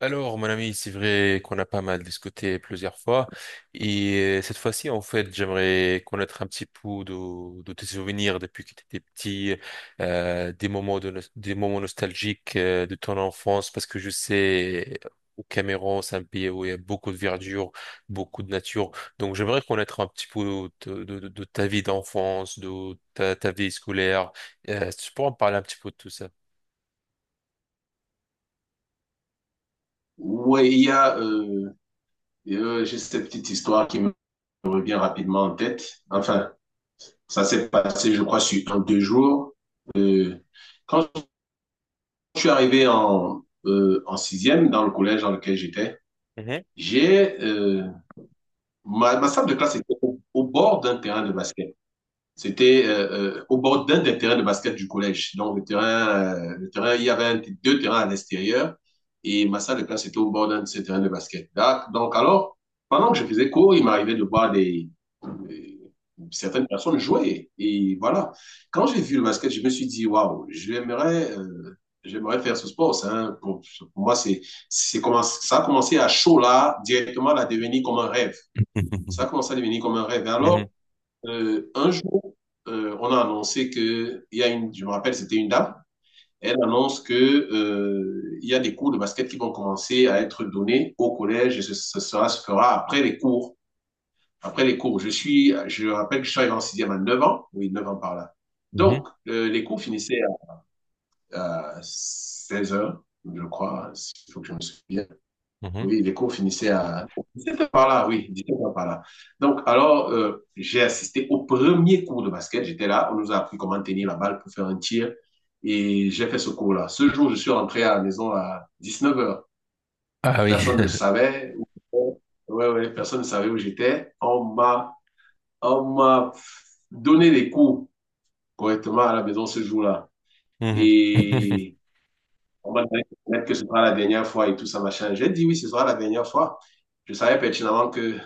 Alors, mon ami, c'est vrai qu'on a pas mal discuté plusieurs fois et cette fois-ci, en fait, j'aimerais connaître un petit peu de tes souvenirs depuis que tu étais petit, des moments des moments nostalgiques de ton enfance, parce que je sais, au Cameroun, c'est un pays où il y a beaucoup de verdure, beaucoup de nature. Donc, j'aimerais connaître un petit peu de ta vie d'enfance, de ta vie scolaire. Tu pourrais me parler un petit peu de tout ça? Oui, il y a j'ai cette petite histoire qui me revient rapidement en tête. Enfin, ça s'est passé, je crois, sur un, deux jours. Euh, Quand je suis arrivé en sixième dans le collège dans lequel j'étais, Mhm. j'ai ma salle de classe était au bord d'un terrain de basket. C'était au bord d'un des terrains de basket du collège. Donc, le terrain, il y avait deux terrains à l'extérieur et ma salle de classe était au bord d'un de ces terrains de basket. Là, donc, alors, pendant que je faisais cours, il m'arrivait de voir euh, certaines personnes jouer. Et voilà. Quand j'ai vu le basket, je me suis dit, waouh, j'aimerais faire ce sport. Pour moi, ça a commencé à chaud là, directement à devenir comme un rêve. Ça a commencé à devenir comme un rêve. Et Mhm. alors, un jour, on a annoncé que, il y a une, je me rappelle, c'était une dame, elle annonce que, il y a des cours de basket qui vont commencer à être donnés au collège et ce sera, se fera après les cours. Après les cours, je rappelle que je suis arrivé en sixième à 9 ans, oui, 9 ans par là. Mhm. Donc, les cours finissaient à, à 16 heures, je crois, si, il faut que je me souvienne. Mhm. Oui, les cours finissaient à par là, oui, directement par là. Donc, alors, j'ai assisté au premier cours de basket. J'étais là, on nous a appris comment tenir la balle pour faire un tir. Et j'ai fait ce cours-là. Ce jour, je suis rentré à la maison à 19 heures. Ah oui. Personne ne le savait. où- Ouais, ouais, personne ne savait où j'étais. On m'a donné les cours correctement à la maison ce jour-là. Mhm. Et on m'a dit que ce sera la dernière fois et tout ça, machin. J'ai dit oui, ce sera la dernière fois. Je savais pertinemment que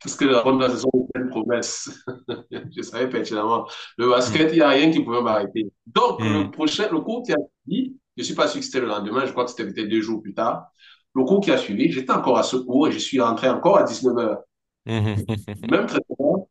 puisque la fin de la saison était une promesse. Je savais pertinemment. Le Mhm. basket, il n'y a rien qui pouvait m'arrêter. Donc, Mhm. Le cours qui a suivi, je ne suis pas sûr que c'était le lendemain, je crois que c'était peut-être 2 jours plus tard. Le cours qui a suivi, j'étais encore à ce cours et je suis rentré encore à 19 heures. Mhm. Même traitement.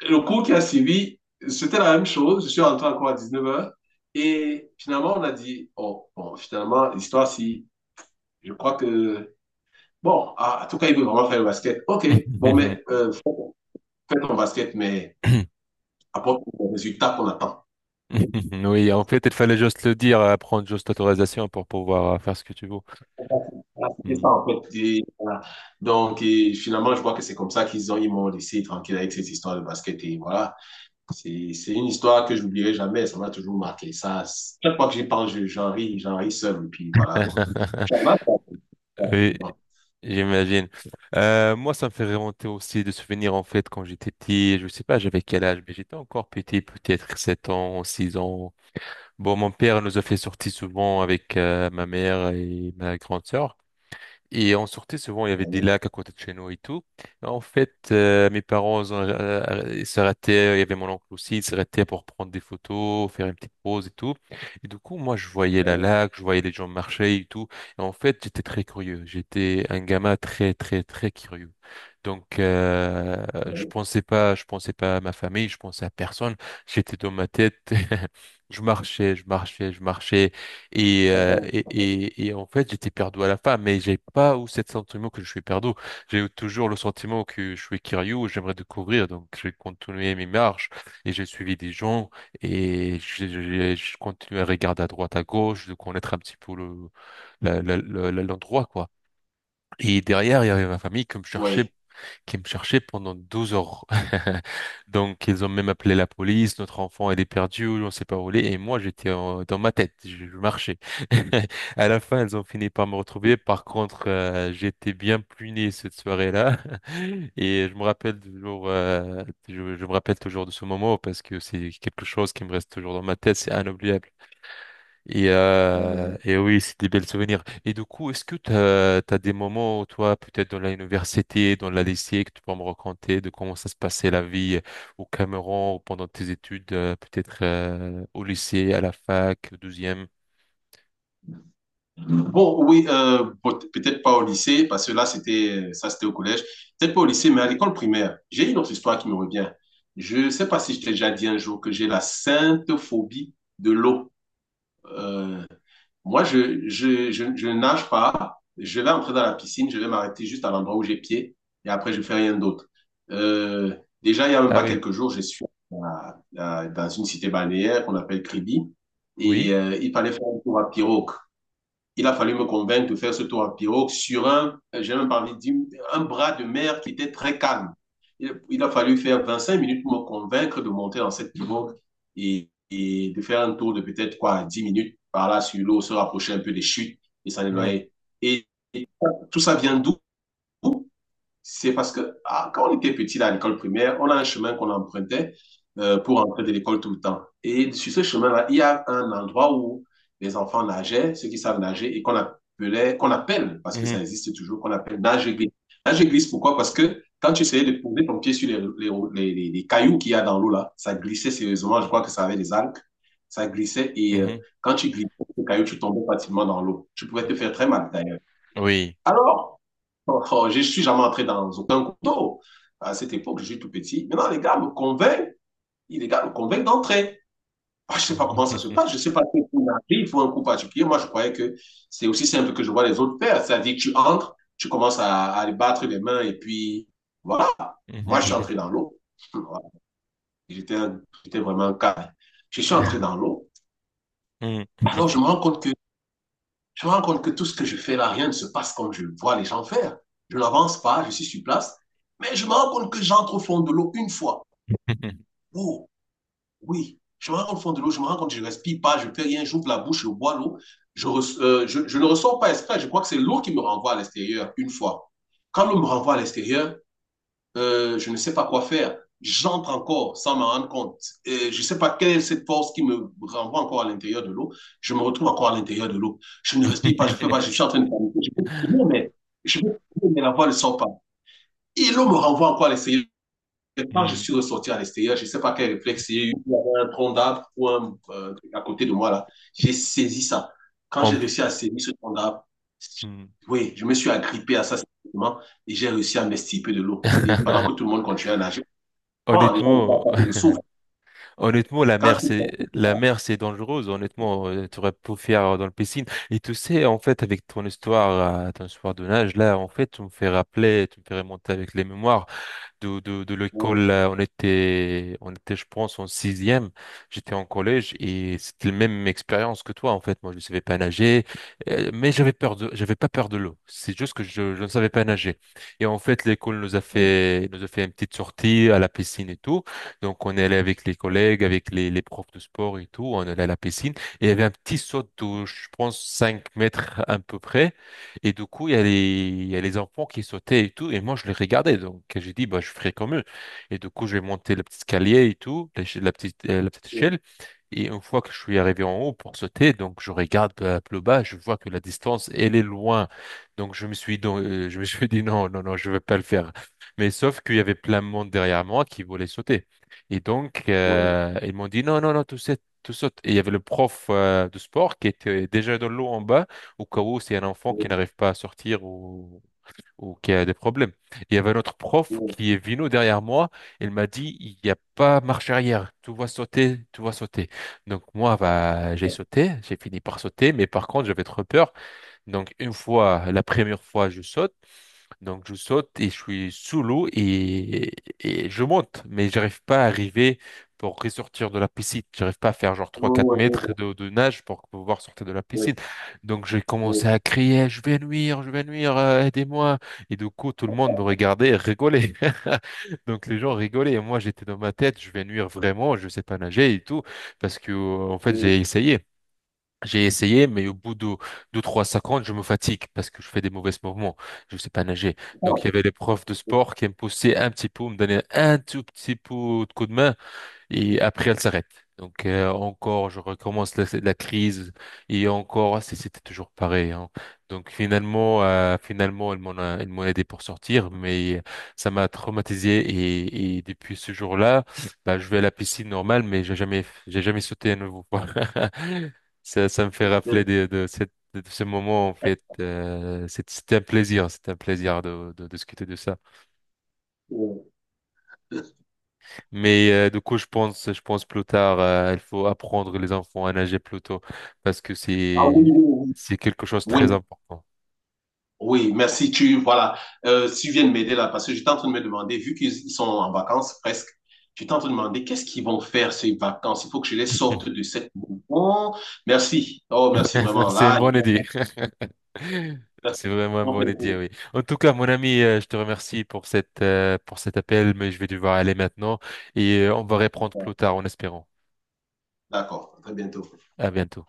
Le cours qui a suivi, c'était la même chose. Je suis rentré encore à 19 heures. Et finalement, on a dit, oh, bon, finalement, l'histoire, si, je crois que, bon, ah, en tout cas, il veut vraiment faire le basket. OK, bon, mais fais ton basket, mais apporte le résultat qu'on attend. Oui, en fait, il fallait juste le dire, prendre juste l'autorisation pour pouvoir faire ce que tu veux. Voilà, c'était ça, Mhm. en fait. Et, voilà. Donc, et finalement, je vois que c'est comme ça ils m'ont laissé tranquille avec cette histoire de basket. Et voilà, c'est une histoire que je n'oublierai jamais. Ça m'a toujours marqué. Ça, chaque fois que j'y pense, j'en ris seul. Et puis voilà, quoi. Tu en as, toi? Ouais, Oui, c'est bon. j'imagine. Moi, ça me fait remonter aussi de souvenirs, en fait, quand j'étais petit. Je sais pas, j'avais quel âge, mais j'étais encore petit, peut-être 7 ans, 6 ans. Bon, mon père nous a fait sortir souvent avec ma mère et ma grande sœur. Et on sortait souvent, il y avait des Ouais, lacs à côté de chez nous et tout. En fait, mes parents ils s'arrêtaient, il y avait mon oncle aussi, ils s'arrêtaient pour prendre des photos, faire une petite pause et tout. Et du coup, moi, je voyais la ouais, lac, je voyais les gens marcher et tout. Et en fait, j'étais très curieux. J'étais un gamin très, très, très curieux. Donc, je pensais pas à ma famille, je pensais à personne. J'étais dans ma tête. Je marchais, je marchais, je marchais. Et, ouais. Et en fait, j'étais perdu à la fin, mais j'ai pas eu ce sentiment que je suis perdu. J'ai eu toujours le sentiment que je suis curieux, j'aimerais découvrir, donc j'ai continué mes marches et j'ai suivi des gens et j'ai continué à regarder à droite, à gauche, de connaître un petit peu le, la- la- la- la- l'endroit, quoi. Et derrière, il y avait ma famille Oui. qui me cherchaient pendant 12 heures. Donc, ils ont même appelé la police, notre enfant, il est perdu, on ne sait pas où il est. Et moi, dans ma tête, je marchais. À la fin, ils ont fini par me retrouver. Par contre, j'étais bien puni cette soirée-là. Et je me rappelle toujours, je me rappelle toujours de ce moment parce que c'est quelque chose qui me reste toujours dans ma tête, c'est inoubliable. Et, Euh, oui, c'est des belles souvenirs. Et du coup, est-ce que t'as as des moments, toi, peut-être dans l'université, dans la lycée, que tu peux me raconter de comment ça se passait la vie au Cameroun ou pendant tes études, peut-être au lycée, à la fac, au douzième? Bon, oui, peut-être pas au lycée, parce que là, c'était, ça, c'était au collège. Peut-être pas au lycée, mais à l'école primaire. J'ai une autre histoire qui me revient. Je sais pas si je t'ai déjà dit un jour que j'ai la sainte phobie de l'eau. Euh, moi, je nage pas. Je vais entrer dans la piscine, je vais m'arrêter juste à l'endroit où j'ai pied, et après, je fais rien d'autre. Euh, déjà, il y a même Ah pas oui, quelques jours, je suis dans une cité balnéaire qu'on appelle Kribi, et oui. Il fallait faire un tour à pirogue. Il a fallu me convaincre de faire ce tour en pirogue sur un, j'ai même pas envie de dire, un bras de mer qui était très calme. Il, a fallu faire 25 minutes pour me convaincre de monter dans cette pirogue et de faire un tour de peut-être quoi, 10 minutes par là sur l'eau, se rapprocher un peu des chutes et s'en Mhm, éloigner. Et, et tout ça vient d'où c'est parce que ah, quand on était petit là, à l'école primaire, on a un chemin qu'on empruntait pour entrer de l'école tout le temps. Et sur ce chemin-là, il y a un endroit où les enfants nageaient, ceux qui savent nager, et qu'on appelait, qu'on appelle, parce que mhm, ça existe toujours, qu'on appelle nage-glisse. Nage-glisse, pourquoi? Parce que quand tu essayais de poser ton pied sur les cailloux qu'il y a dans l'eau là, ça glissait sérieusement. Je crois que ça avait des algues. Ça glissait et mhm, quand tu glissais, les cailloux, tu tombais facilement dans l'eau. Tu pouvais te faire très mal d'ailleurs. mhm. Oui. Alors, oh, oh, je ne suis jamais entré dans aucun couteau. À cette époque, je suis tout petit. Maintenant, les gars me convainquent, les gars me convainquent d'entrer. Ah, je ne sais pas comment ça se Mhm, passe, je ne sais pas si il faut un coup particulier. Moi, je croyais que c'est aussi simple que je vois les autres faire. C'est-à-dire que tu entres, tu commences à les battre les mains et puis voilà. Moi, je suis mhm, entré dans l'eau. Voilà. J'étais vraiment calme. Je suis mhm, entré mhm. dans l'eau. Alors, je me rends compte que je me rends compte que tout ce que je fais là, rien ne se passe comme je vois les gens faire. Je n'avance pas, je suis sur place, mais je me rends compte que j'entre au fond de l'eau une fois. Oh, oui, je me rends compte au fond de l'eau, je me rends compte que je ne respire pas, je ne fais rien, j'ouvre la bouche, je bois l'eau. Je ne ressors pas exprès, je crois que c'est l'eau qui me renvoie à l'extérieur une fois. Quand l'eau me renvoie à l'extérieur, je ne sais pas quoi faire. J'entre encore sans m'en rendre compte. Et je ne sais pas quelle est cette force qui me renvoie encore à l'intérieur de l'eau. Je me retrouve encore à l'intérieur de l'eau. Je ne respire pas, je ne fais pas, je suis en train de paniquer. Mais, je peux mais la voix ne sort pas. Et l'eau me renvoie encore à l'essayer quand je Mhm. suis ressorti à l'extérieur, je ne sais pas quel réflexe j'ai eu, il y avait un tronc d'arbre ou un à côté de moi là. J'ai saisi ça. Quand En j'ai réussi plus. à saisir ce tronc d'arbre, oui, je me suis agrippé à ça simplement et j'ai réussi à m'extirper de l'eau. Et pendant que tout le monde continuait à nager, quand les gens ne savent Honnêtement, pas que je souffre. Honnêtement, Quand je souffre, la mer, c'est dangereuse. Honnêtement, tu aurais pu faire dans le piscine. Et tu sais, en fait, avec ton histoire de nage, là, en fait, tu me fais rappeler, tu me fais remonter avec les mémoires de oui, l'école, on était, je pense, en sixième. J'étais en collège et c'était la même expérience que toi, en fait. Moi, je ne savais pas nager, mais j'avais peur de, j'avais pas peur de l'eau. C'est juste que je ne savais pas nager. Et en fait, l'école oui, nous a fait une petite sortie à la piscine et tout. Donc, on est allé avec les collègues, avec les profs de sport et tout. On est allé à la piscine et il y avait un petit saut de, je pense, 5 mètres à peu près. Et du coup, il y a les enfants qui sautaient et tout. Et moi, je les regardais. Donc, j'ai dit, bah, je ferai comme eux. Et du coup, je vais monter le petit escalier et tout, la petite échelle. Et une fois que je suis arrivé en haut pour sauter, donc je regarde plus bas, je vois que la distance, elle est loin. Donc, je me suis dit, non, non, non, je ne vais pas le faire. Mais sauf qu'il y avait plein de monde derrière moi qui voulait sauter. Et donc, ils m'ont dit, non, non, non, tout saute, tout saute. Et il y avait le prof, de sport qui était déjà dans l'eau en bas au cas où c'est un enfant qui oui, n'arrive pas à sortir ou qui a des problèmes. Il y avait notre prof oui, qui est venu derrière moi. Il m'a dit, il n'y a pas marche arrière. Tout va sauter, tout va sauter. Donc moi, bah, j'ai sauté, j'ai fini par sauter, mais par contre, j'avais trop peur. Donc une fois, la première fois, je saute. Donc je saute et je suis sous l'eau et je monte, mais j'arrive pas à arriver pour ressortir de la piscine. J'arrive pas à faire genre 3 4 mètres oui, de nage pour pouvoir sortir de la oui, piscine. Donc j'ai oui, commencé à crier, je vais nuire, aidez-moi. Et du coup, tout le monde me regardait et rigolait. Donc les gens rigolaient et moi j'étais dans ma tête, je vais nuire vraiment, je sais pas nager et tout, parce que en fait oui, j'ai essayé. J'ai essayé, mais au bout de 2-3 50, je me fatigue parce que je fais des mauvais mouvements. Je ne sais pas nager. Donc, il y avait les profs de sport qui me poussaient un petit peu, me donnaient un tout petit peu de coup de main et après elle s'arrête. Donc encore, je recommence la crise et encore, c'était toujours pareil, hein. Donc finalement, elle m'en a aidé pour sortir, mais ça m'a traumatisé et depuis ce jour-là, bah, je vais à la piscine normale, mais j'ai jamais sauté à nouveau. Ça me fait rappeler de ce moment en fait. C'était un plaisir de discuter de ça. oui. Mais du coup, je pense plus tard, il faut apprendre les enfants à nager plus tôt parce que Ah oui, oui, oui. c'est quelque chose de Oui, très important. oui, merci. Tu, voilà, si tu viens de m'aider là, parce que j'étais en train de me demander, vu qu'ils sont en vacances presque, j'étais en train de me demander qu'est-ce qu'ils vont faire ces vacances. Il faut que je les sorte de cette bon. Merci. Oh, merci vraiment. C'est une Là, bonne idée. faire- C'est vraiment une bonne ils vont idée, oui. En tout cas, mon ami, je te remercie pour cette pour cet appel, mais je vais devoir aller maintenant et on va reprendre plus faire- tard en espérant. d'accord. À très bientôt. À bientôt.